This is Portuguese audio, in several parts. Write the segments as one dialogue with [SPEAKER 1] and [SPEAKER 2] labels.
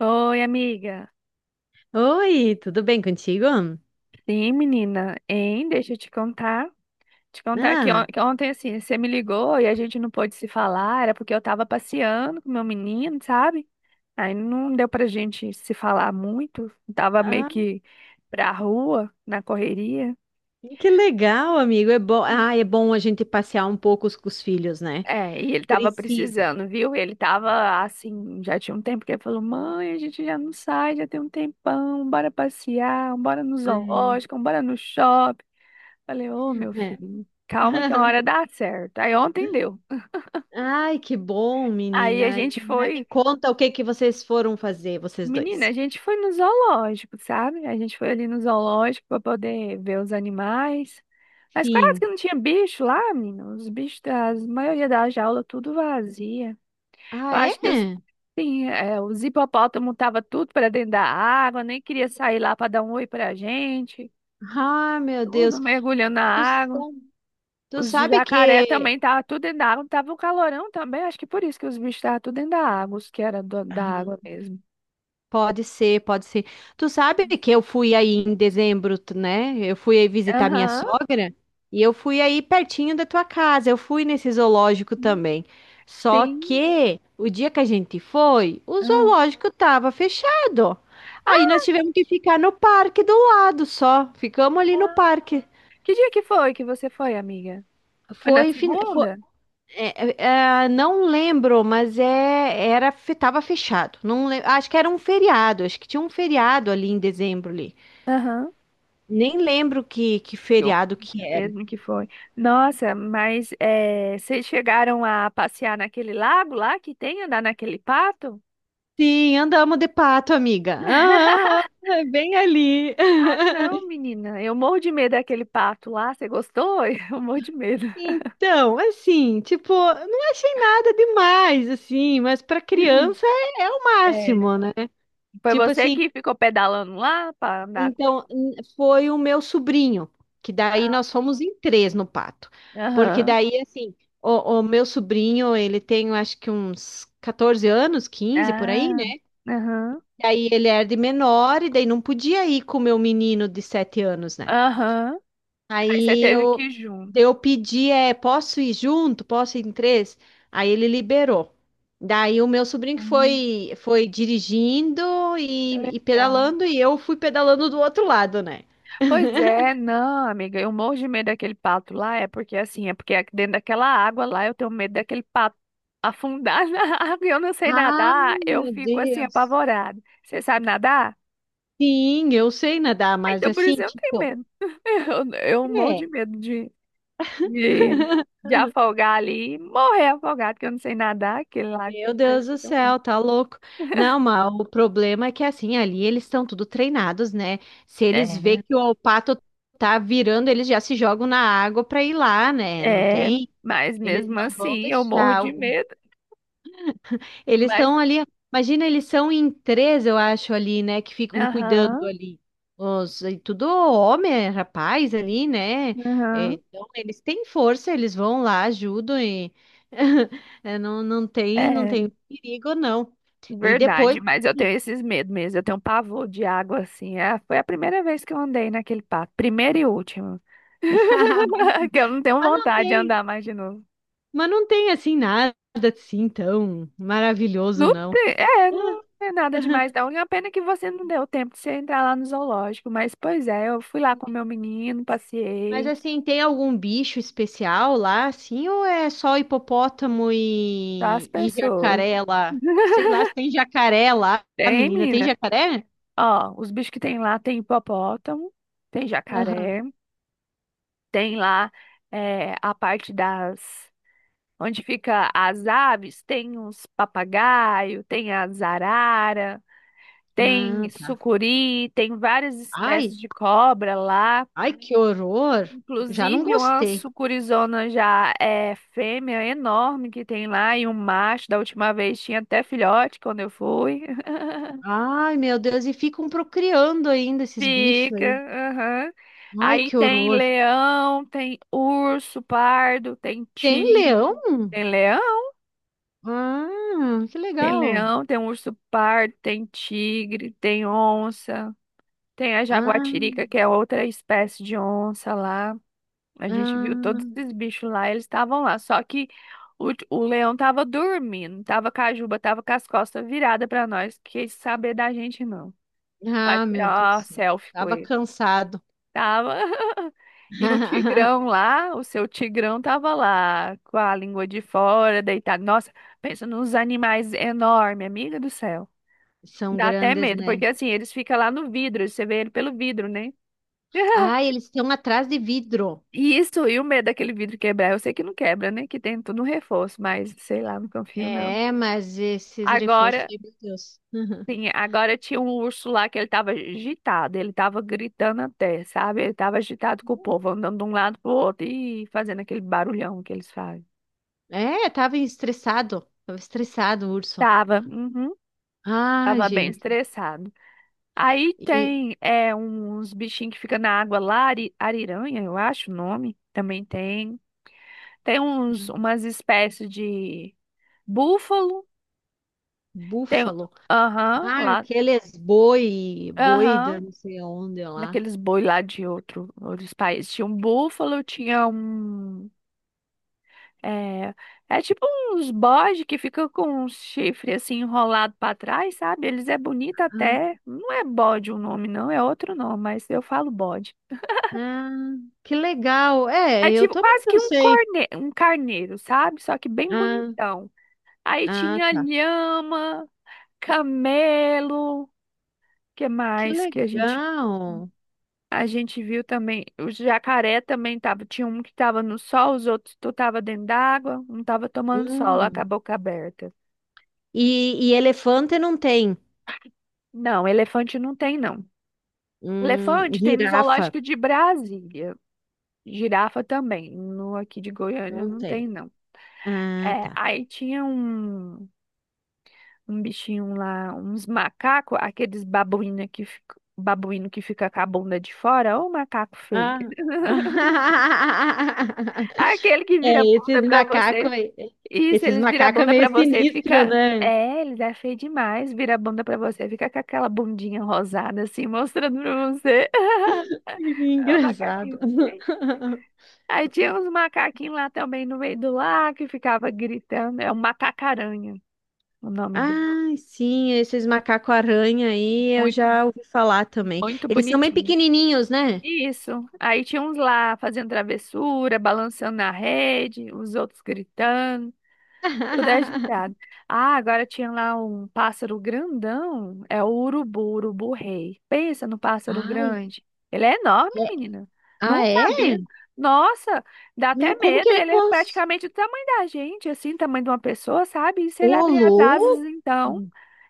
[SPEAKER 1] Oi, amiga.
[SPEAKER 2] Oi, tudo bem contigo?
[SPEAKER 1] Sim, menina. Hein? Deixa eu te contar. Te contar que,
[SPEAKER 2] Ah,
[SPEAKER 1] que ontem, assim, você me ligou e a gente não pôde se falar. Era porque eu tava passeando com meu menino, sabe? Aí não deu pra gente se falar muito. Tava meio
[SPEAKER 2] ah,
[SPEAKER 1] que pra rua, na correria.
[SPEAKER 2] que legal, amigo. É bom,
[SPEAKER 1] Ai,
[SPEAKER 2] ah, é bom a gente passear um pouco com os filhos, né?
[SPEAKER 1] é, e ele tava
[SPEAKER 2] Precisa.
[SPEAKER 1] precisando, viu? Ele tava assim, já tinha um tempo que ele falou: Mãe, a gente já não sai, já tem um tempão, bora passear, bora no
[SPEAKER 2] É.
[SPEAKER 1] zoológico, bora no shopping. Falei, ô, meu
[SPEAKER 2] É.
[SPEAKER 1] filho, calma que uma hora dá certo. Aí ontem deu.
[SPEAKER 2] Ai, que bom,
[SPEAKER 1] Aí a
[SPEAKER 2] menina. E,
[SPEAKER 1] gente
[SPEAKER 2] né, me
[SPEAKER 1] foi,
[SPEAKER 2] conta o que que vocês foram fazer, vocês
[SPEAKER 1] menina,
[SPEAKER 2] dois.
[SPEAKER 1] a gente foi no zoológico, sabe? A gente foi ali no zoológico para poder ver os animais. Mas quase que
[SPEAKER 2] Sim.
[SPEAKER 1] não tinha bicho lá, menina. Os bichos, a maioria da jaula, tudo vazia.
[SPEAKER 2] Ah,
[SPEAKER 1] Eu acho que os,
[SPEAKER 2] é?
[SPEAKER 1] sim, é, os hipopótamos estavam tudo para dentro da água, nem queria sair lá para dar um oi pra gente.
[SPEAKER 2] Ah, meu Deus.
[SPEAKER 1] Tudo mergulhando na
[SPEAKER 2] Tu,
[SPEAKER 1] água.
[SPEAKER 2] sa- tu
[SPEAKER 1] Os
[SPEAKER 2] sabe
[SPEAKER 1] jacaré
[SPEAKER 2] que.
[SPEAKER 1] também tava tudo dentro da água, tava um calorão também, acho que por isso que os bichos estavam tudo dentro da água, os que era da água mesmo.
[SPEAKER 2] Pode ser, pode ser. Tu sabe que eu fui aí em dezembro, né? Eu fui aí visitar minha
[SPEAKER 1] Aham,
[SPEAKER 2] sogra e eu fui aí pertinho da tua casa. Eu fui nesse zoológico também. Só
[SPEAKER 1] sim.
[SPEAKER 2] que o dia que a gente foi, o
[SPEAKER 1] Ah.
[SPEAKER 2] zoológico tava fechado. Aí nós tivemos que ficar no parque do lado só. Ficamos ali no
[SPEAKER 1] Ah.
[SPEAKER 2] parque.
[SPEAKER 1] Que dia que foi que você foi, amiga? Foi na
[SPEAKER 2] Foi, fin- fo-
[SPEAKER 1] segunda?
[SPEAKER 2] é, é, é, não lembro, mas era, tava fechado. Não, acho que era um feriado, acho que tinha um feriado ali em dezembro ali.
[SPEAKER 1] Aham.
[SPEAKER 2] Nem lembro que
[SPEAKER 1] Que horror
[SPEAKER 2] feriado que era.
[SPEAKER 1] mesmo que foi. Nossa, mas é, vocês chegaram a passear naquele lago lá que tem, andar naquele pato?
[SPEAKER 2] Sim, andamos de pato, amiga. Ah, é bem ali.
[SPEAKER 1] Não, menina, eu morro de medo daquele pato lá, você gostou? Eu morro de medo.
[SPEAKER 2] Então, assim, tipo, não achei nada demais, assim, mas para criança é o
[SPEAKER 1] É,
[SPEAKER 2] máximo, né?
[SPEAKER 1] foi
[SPEAKER 2] Tipo
[SPEAKER 1] você
[SPEAKER 2] assim,
[SPEAKER 1] que ficou pedalando lá para andar com ele?
[SPEAKER 2] então foi o meu sobrinho, que daí
[SPEAKER 1] Ah,
[SPEAKER 2] nós fomos em três no pato. Porque
[SPEAKER 1] aham.
[SPEAKER 2] daí, assim, o meu sobrinho, ele tem, eu acho que uns 14 anos, 15 por aí,
[SPEAKER 1] Ah,
[SPEAKER 2] né?
[SPEAKER 1] aham.
[SPEAKER 2] E aí ele era de menor e daí não podia ir com o meu menino de 7 anos, né?
[SPEAKER 1] Aham. Aí você
[SPEAKER 2] Aí
[SPEAKER 1] teve que
[SPEAKER 2] eu,
[SPEAKER 1] ir junto.
[SPEAKER 2] daí eu pedi, posso ir junto? Posso ir em três? Aí ele liberou. Daí o meu sobrinho que
[SPEAKER 1] Ah,
[SPEAKER 2] foi dirigindo
[SPEAKER 1] que
[SPEAKER 2] e
[SPEAKER 1] legal.
[SPEAKER 2] pedalando e eu fui pedalando do outro lado, né?
[SPEAKER 1] Pois é, não, amiga, eu morro de medo daquele pato lá, é porque assim, é porque dentro daquela água lá eu tenho medo daquele pato afundar na água e eu não sei
[SPEAKER 2] Ai,
[SPEAKER 1] nadar, eu
[SPEAKER 2] meu
[SPEAKER 1] fico assim
[SPEAKER 2] Deus.
[SPEAKER 1] apavorada. Você sabe nadar?
[SPEAKER 2] Sim, eu sei nadar,
[SPEAKER 1] Ah,
[SPEAKER 2] mas
[SPEAKER 1] então por
[SPEAKER 2] assim,
[SPEAKER 1] isso eu não tenho
[SPEAKER 2] tipo,
[SPEAKER 1] medo. Eu morro de
[SPEAKER 2] é.
[SPEAKER 1] medo de, de afogar ali e morrer afogado, que eu não sei nadar, aquele lago
[SPEAKER 2] Meu Deus
[SPEAKER 1] parece
[SPEAKER 2] do
[SPEAKER 1] tão bom.
[SPEAKER 2] céu, tá louco. Não, mas o problema é que assim, ali eles estão tudo treinados, né? Se eles vê
[SPEAKER 1] É,
[SPEAKER 2] que o pato tá virando, eles já se jogam na água pra ir lá, né? Não
[SPEAKER 1] é,
[SPEAKER 2] tem?
[SPEAKER 1] mas
[SPEAKER 2] Eles
[SPEAKER 1] mesmo
[SPEAKER 2] não vão
[SPEAKER 1] assim eu morro
[SPEAKER 2] deixar.
[SPEAKER 1] de medo.
[SPEAKER 2] Eles
[SPEAKER 1] Mas
[SPEAKER 2] estão
[SPEAKER 1] eu.
[SPEAKER 2] ali, imagina, eles são em três, eu acho, ali, né, que ficam cuidando
[SPEAKER 1] Aham,
[SPEAKER 2] ali. E tudo homem, é rapaz ali, né? É,
[SPEAKER 1] aham.
[SPEAKER 2] então, eles têm força, eles vão lá, ajudam e não, não tem, não
[SPEAKER 1] É
[SPEAKER 2] tem perigo, não. E depois,
[SPEAKER 1] verdade, mas eu
[SPEAKER 2] sim.
[SPEAKER 1] tenho esses medos mesmo. Eu tenho um pavor de água assim. É, foi a primeira vez que eu andei naquele parque, primeira e última. Que eu não tenho
[SPEAKER 2] mas não
[SPEAKER 1] vontade de
[SPEAKER 2] tem,
[SPEAKER 1] andar mais de novo.
[SPEAKER 2] mas não tem assim nada assim tão maravilhoso,
[SPEAKER 1] Não
[SPEAKER 2] não.
[SPEAKER 1] tem, é, não é nada demais, não. E a pena que você não deu tempo de você entrar lá no zoológico. Mas, pois é, eu fui lá com meu menino,
[SPEAKER 2] Mas
[SPEAKER 1] passeei,
[SPEAKER 2] assim, tem algum bicho especial lá, assim, ou é só hipopótamo
[SPEAKER 1] tá? As
[SPEAKER 2] e
[SPEAKER 1] pessoas.
[SPEAKER 2] jacaré lá? Sei lá se tem jacaré lá, a
[SPEAKER 1] Tem,
[SPEAKER 2] menina. Tem
[SPEAKER 1] menina.
[SPEAKER 2] jacaré?
[SPEAKER 1] Ó, os bichos que tem lá: tem hipopótamo, tem
[SPEAKER 2] Aham.
[SPEAKER 1] jacaré, tem lá é, a parte das... Onde fica as aves, tem uns papagaio, tem as arara, tem
[SPEAKER 2] Ah, tá.
[SPEAKER 1] sucuri, tem várias
[SPEAKER 2] Ai,
[SPEAKER 1] espécies de cobra lá.
[SPEAKER 2] ai, que horror! Já não
[SPEAKER 1] Inclusive, uma
[SPEAKER 2] gostei.
[SPEAKER 1] sucurizona já é fêmea enorme que tem lá, e um macho, da última vez tinha até filhote quando eu fui.
[SPEAKER 2] Ai, meu Deus, e ficam procriando ainda esses bichos
[SPEAKER 1] Fica,
[SPEAKER 2] aí.
[SPEAKER 1] aham.
[SPEAKER 2] Ai,
[SPEAKER 1] Aí
[SPEAKER 2] que
[SPEAKER 1] tem
[SPEAKER 2] horror!
[SPEAKER 1] leão, tem urso pardo, tem
[SPEAKER 2] Tem leão?
[SPEAKER 1] tigre, tem leão,
[SPEAKER 2] Ah, que
[SPEAKER 1] tem
[SPEAKER 2] legal!
[SPEAKER 1] leão, tem urso pardo, tem tigre, tem onça, tem a jaguatirica,
[SPEAKER 2] Ah,
[SPEAKER 1] que é outra espécie de onça lá. A gente viu todos
[SPEAKER 2] ah,
[SPEAKER 1] esses bichos lá, eles estavam lá. Só que o leão tava dormindo, tava com a juba, tava com as costas viradas pra nós, quis saber da gente não. Pra
[SPEAKER 2] ah, meu Deus do
[SPEAKER 1] tirar uma
[SPEAKER 2] céu.
[SPEAKER 1] selfie com
[SPEAKER 2] Tava
[SPEAKER 1] ele.
[SPEAKER 2] cansado.
[SPEAKER 1] Tava. E o tigrão lá, o seu tigrão tava lá, com a língua de fora, deitado. Nossa, pensa nos animais enormes, amiga do céu.
[SPEAKER 2] São
[SPEAKER 1] Dá até
[SPEAKER 2] grandes,
[SPEAKER 1] medo,
[SPEAKER 2] né?
[SPEAKER 1] porque assim, eles ficam lá no vidro, você vê ele pelo vidro, né?
[SPEAKER 2] Ah, eles estão atrás de vidro.
[SPEAKER 1] E isso, e o medo daquele vidro quebrar, eu sei que não quebra, né? Que tem tudo um reforço, mas sei lá, não confio não.
[SPEAKER 2] É, mas esses reforços,
[SPEAKER 1] Agora,
[SPEAKER 2] meu Deus. Uhum.
[SPEAKER 1] sim, agora tinha um urso lá que ele tava agitado, ele tava gritando até, sabe? Ele tava agitado com o povo, andando de um lado pro outro e fazendo aquele barulhão que eles fazem.
[SPEAKER 2] É, tava estressado. Tava estressado o urso.
[SPEAKER 1] Tava, uhum,
[SPEAKER 2] Ah,
[SPEAKER 1] tava bem
[SPEAKER 2] gente.
[SPEAKER 1] estressado. Aí
[SPEAKER 2] E
[SPEAKER 1] tem é, uns bichinhos que ficam na água lá, ariranha, eu acho o nome, também tem. Tem uns, umas espécies de búfalo. Tem,
[SPEAKER 2] búfalo.
[SPEAKER 1] aham,
[SPEAKER 2] Ah,
[SPEAKER 1] lá,
[SPEAKER 2] aqueles boi, boi da
[SPEAKER 1] aham,
[SPEAKER 2] não sei onde lá.
[SPEAKER 1] naqueles boi lá de outro, outros países. Tinha um búfalo, tinha um, é, é tipo uns bode que fica com um chifre assim enrolado pra trás, sabe? Eles é bonito
[SPEAKER 2] Ah,
[SPEAKER 1] até, não é bode o nome não, é outro nome, mas eu falo bode.
[SPEAKER 2] ah, que legal. É,
[SPEAKER 1] É
[SPEAKER 2] eu
[SPEAKER 1] tipo
[SPEAKER 2] também
[SPEAKER 1] quase que
[SPEAKER 2] não
[SPEAKER 1] um
[SPEAKER 2] sei.
[SPEAKER 1] corne, um carneiro, sabe? Só que bem
[SPEAKER 2] Ah,
[SPEAKER 1] bonitão. Aí
[SPEAKER 2] ah,
[SPEAKER 1] tinha
[SPEAKER 2] tá.
[SPEAKER 1] lhama, camelo, que
[SPEAKER 2] Que
[SPEAKER 1] mais que a gente...
[SPEAKER 2] legal.
[SPEAKER 1] A gente viu também, o jacaré também tava, tinha um que tava no sol, os outros tu tava dentro d'água, um tava tomando sol, lá com a
[SPEAKER 2] Hum.
[SPEAKER 1] boca aberta.
[SPEAKER 2] E elefante não tem.
[SPEAKER 1] Não, elefante não tem, não. Elefante tem no
[SPEAKER 2] Girafa.
[SPEAKER 1] zoológico de Brasília. Girafa também, no aqui de Goiânia
[SPEAKER 2] Não
[SPEAKER 1] não
[SPEAKER 2] tem.
[SPEAKER 1] tem, não.
[SPEAKER 2] Ah,
[SPEAKER 1] É,
[SPEAKER 2] tá.
[SPEAKER 1] aí tinha um, um bichinho lá, uns macacos, aqueles babuína que fica, babuíno que fica com a bunda de fora, ou macaco feio.
[SPEAKER 2] Ah.
[SPEAKER 1] Aquele que vira
[SPEAKER 2] É,
[SPEAKER 1] bunda pra você. Isso,
[SPEAKER 2] esses
[SPEAKER 1] eles viram a
[SPEAKER 2] macacos é
[SPEAKER 1] bunda
[SPEAKER 2] meio
[SPEAKER 1] pra você e
[SPEAKER 2] sinistro,
[SPEAKER 1] fica.
[SPEAKER 2] né?
[SPEAKER 1] É, eles é feio demais. Vira a bunda pra você, fica com aquela bundinha rosada assim, mostrando pra você. O
[SPEAKER 2] Engraçado.
[SPEAKER 1] macaquinho feio. Aí tinha uns macaquinhos lá também no meio do lar que ficava gritando. É o macacaranha, o nome dele.
[SPEAKER 2] Ai, sim, esses macaco aranha aí eu
[SPEAKER 1] Muito,
[SPEAKER 2] já ouvi falar também.
[SPEAKER 1] muito
[SPEAKER 2] Eles são bem
[SPEAKER 1] bonitinho.
[SPEAKER 2] pequenininhos, né?
[SPEAKER 1] Isso. Aí tinha uns lá fazendo travessura, balançando na rede, os outros gritando. Tudo é ajeitado. Ah, agora tinha lá um pássaro grandão. É o urubu, urubu rei. Pensa no pássaro
[SPEAKER 2] Ai,
[SPEAKER 1] grande. Ele é enorme,
[SPEAKER 2] é-
[SPEAKER 1] menina. Não
[SPEAKER 2] ah, é?
[SPEAKER 1] sabia. Nossa, dá até
[SPEAKER 2] Meu, como que
[SPEAKER 1] medo.
[SPEAKER 2] ele
[SPEAKER 1] Ele é
[SPEAKER 2] cons...
[SPEAKER 1] praticamente do tamanho da gente, assim, tamanho de uma pessoa, sabe? E se ele
[SPEAKER 2] Ô,
[SPEAKER 1] abrir as
[SPEAKER 2] louco!
[SPEAKER 1] asas, então,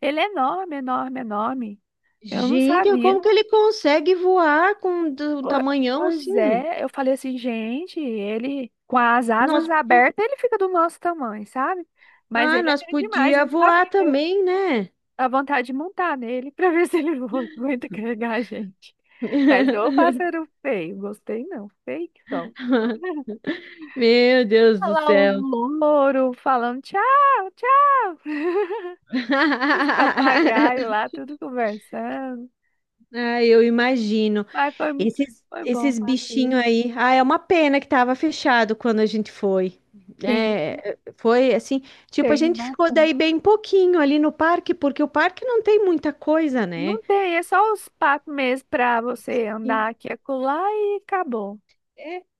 [SPEAKER 1] ele é enorme, enorme, enorme. Eu não
[SPEAKER 2] Gente,
[SPEAKER 1] sabia.
[SPEAKER 2] como que ele consegue voar com um
[SPEAKER 1] Po-
[SPEAKER 2] tamanhão
[SPEAKER 1] Pois
[SPEAKER 2] assim?
[SPEAKER 1] é, eu falei assim, gente, ele com as asas
[SPEAKER 2] Nós,
[SPEAKER 1] abertas, ele fica do nosso tamanho, sabe? Mas
[SPEAKER 2] ah,
[SPEAKER 1] ele é
[SPEAKER 2] nós
[SPEAKER 1] grande demais, eu
[SPEAKER 2] podia
[SPEAKER 1] não sabia.
[SPEAKER 2] voar também, né?
[SPEAKER 1] Dá vontade de montar nele pra ver se ele aguenta carregar a gente. Mas ô pássaro feio, gostei não, feio que são.
[SPEAKER 2] Meu Deus
[SPEAKER 1] Olha
[SPEAKER 2] do
[SPEAKER 1] lá os
[SPEAKER 2] céu.
[SPEAKER 1] louros falando tchau, tchau. Os papagaios lá, tudo conversando.
[SPEAKER 2] Ah, eu imagino.
[SPEAKER 1] Mas foi,
[SPEAKER 2] Esses,
[SPEAKER 1] foi bom o
[SPEAKER 2] esses bichinhos
[SPEAKER 1] passeio.
[SPEAKER 2] aí. Ah, é uma pena que tava fechado quando a gente foi.
[SPEAKER 1] Sim,
[SPEAKER 2] É, foi assim, tipo, a
[SPEAKER 1] tem
[SPEAKER 2] gente ficou
[SPEAKER 1] bastante.
[SPEAKER 2] daí bem pouquinho ali no parque, porque o parque não tem muita coisa, né?
[SPEAKER 1] Não tem, é só os patos mesmo pra você andar aqui e acolá e acabou.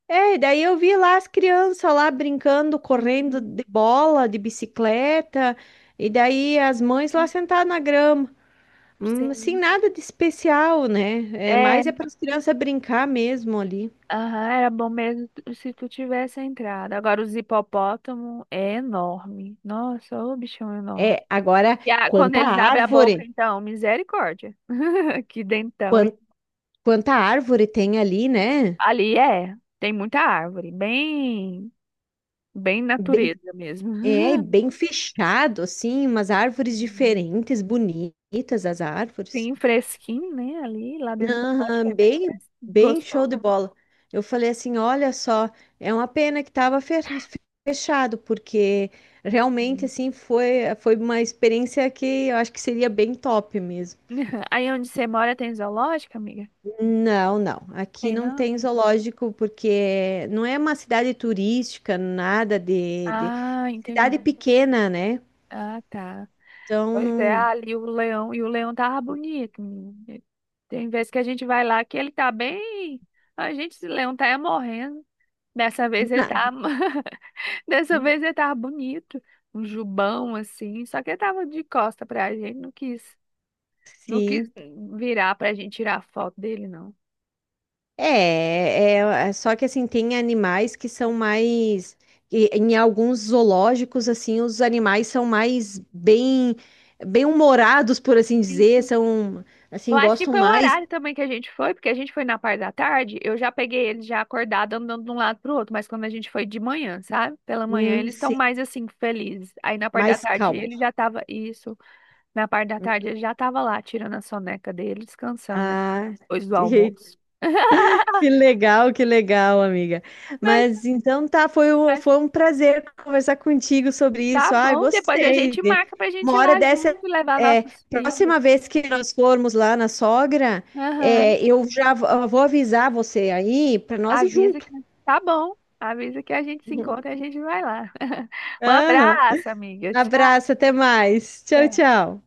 [SPEAKER 2] É, e daí eu vi lá as crianças lá brincando, correndo
[SPEAKER 1] Uhum,
[SPEAKER 2] de bola, de bicicleta, e daí as mães lá
[SPEAKER 1] uhum,
[SPEAKER 2] sentadas na grama. Sem
[SPEAKER 1] sim.
[SPEAKER 2] nada de especial, né? É,
[SPEAKER 1] É.
[SPEAKER 2] mais é para as crianças brincar mesmo ali.
[SPEAKER 1] Aham, era bom mesmo se tu tivesse entrado. Agora, os hipopótamo é enorme. Nossa, ô bichão enorme.
[SPEAKER 2] É, agora,
[SPEAKER 1] Quando
[SPEAKER 2] quanta
[SPEAKER 1] eles abrem a boca,
[SPEAKER 2] árvore,
[SPEAKER 1] então, misericórdia. Que dentão. Hein?
[SPEAKER 2] quan- quanta árvore tem ali, né?
[SPEAKER 1] Ali é, tem muita árvore. Bem, bem
[SPEAKER 2] Bem,
[SPEAKER 1] natureza mesmo.
[SPEAKER 2] é, bem fechado, assim, umas árvores
[SPEAKER 1] Hum,
[SPEAKER 2] diferentes, bonitas as árvores.
[SPEAKER 1] bem fresquinho, né? Ali, lá dentro do zoológico
[SPEAKER 2] Aham,
[SPEAKER 1] é bem
[SPEAKER 2] bem,
[SPEAKER 1] fresquinho.
[SPEAKER 2] bem show de
[SPEAKER 1] Gostoso.
[SPEAKER 2] bola. Eu falei assim, olha só, é uma pena que estava fechado, porque realmente
[SPEAKER 1] Hum.
[SPEAKER 2] assim foi uma experiência que eu acho que seria bem top mesmo.
[SPEAKER 1] Aí onde você mora tem zoológico, amiga?
[SPEAKER 2] Não, não. Aqui
[SPEAKER 1] Tem
[SPEAKER 2] não
[SPEAKER 1] não?
[SPEAKER 2] tem zoológico porque não é uma cidade turística, nada de,
[SPEAKER 1] Ah, entendi.
[SPEAKER 2] cidade pequena, né?
[SPEAKER 1] Ah, tá.
[SPEAKER 2] Então
[SPEAKER 1] Pois é,
[SPEAKER 2] não.
[SPEAKER 1] ali o leão, e o leão tava bonito, menino. Tem vezes que a gente vai lá que ele tá bem. A gente, esse leão tá é morrendo. Dessa vez ele tá. Dessa vez ele tava bonito. Um jubão assim. Só que ele tava de costa pra gente. Não quis
[SPEAKER 2] Sim.
[SPEAKER 1] virar pra gente tirar foto dele, não.
[SPEAKER 2] É, só que assim, tem animais que são mais. Em alguns zoológicos, assim, os animais são mais bem, humorados, por assim dizer, são,
[SPEAKER 1] Eu
[SPEAKER 2] assim,
[SPEAKER 1] acho que
[SPEAKER 2] gostam
[SPEAKER 1] foi o
[SPEAKER 2] mais,
[SPEAKER 1] horário também que a gente foi, porque a gente foi na parte da tarde, eu já peguei eles já acordados andando de um lado pro outro, mas quando a gente foi de manhã, sabe? Pela manhã eles estão
[SPEAKER 2] sim,
[SPEAKER 1] mais assim, felizes. Aí na parte da
[SPEAKER 2] mais
[SPEAKER 1] tarde ele
[SPEAKER 2] calmos.
[SPEAKER 1] já tava, isso, na parte da tarde ele já tava lá, tirando a soneca dele, descansando, né?
[SPEAKER 2] Ah,
[SPEAKER 1] Depois do almoço.
[SPEAKER 2] que legal, que legal, amiga.
[SPEAKER 1] Mas,
[SPEAKER 2] Mas então tá, foi, o-
[SPEAKER 1] mas
[SPEAKER 2] foi um prazer conversar contigo sobre
[SPEAKER 1] tá
[SPEAKER 2] isso. Ah,
[SPEAKER 1] bom, depois a
[SPEAKER 2] gostei.
[SPEAKER 1] gente marca pra gente
[SPEAKER 2] Uma
[SPEAKER 1] ir
[SPEAKER 2] hora
[SPEAKER 1] lá
[SPEAKER 2] dessa,
[SPEAKER 1] junto e levar
[SPEAKER 2] é,
[SPEAKER 1] nossos filhos.
[SPEAKER 2] próxima vez que nós formos lá na sogra,
[SPEAKER 1] Aham.
[SPEAKER 2] eu vou avisar você aí para nós ir
[SPEAKER 1] Avisa
[SPEAKER 2] junto.
[SPEAKER 1] que tá bom. Avisa que a gente se encontra e a gente vai lá. Um
[SPEAKER 2] Aham.
[SPEAKER 1] abraço, amiga.
[SPEAKER 2] Abraço, até mais. Tchau,
[SPEAKER 1] É.
[SPEAKER 2] tchau.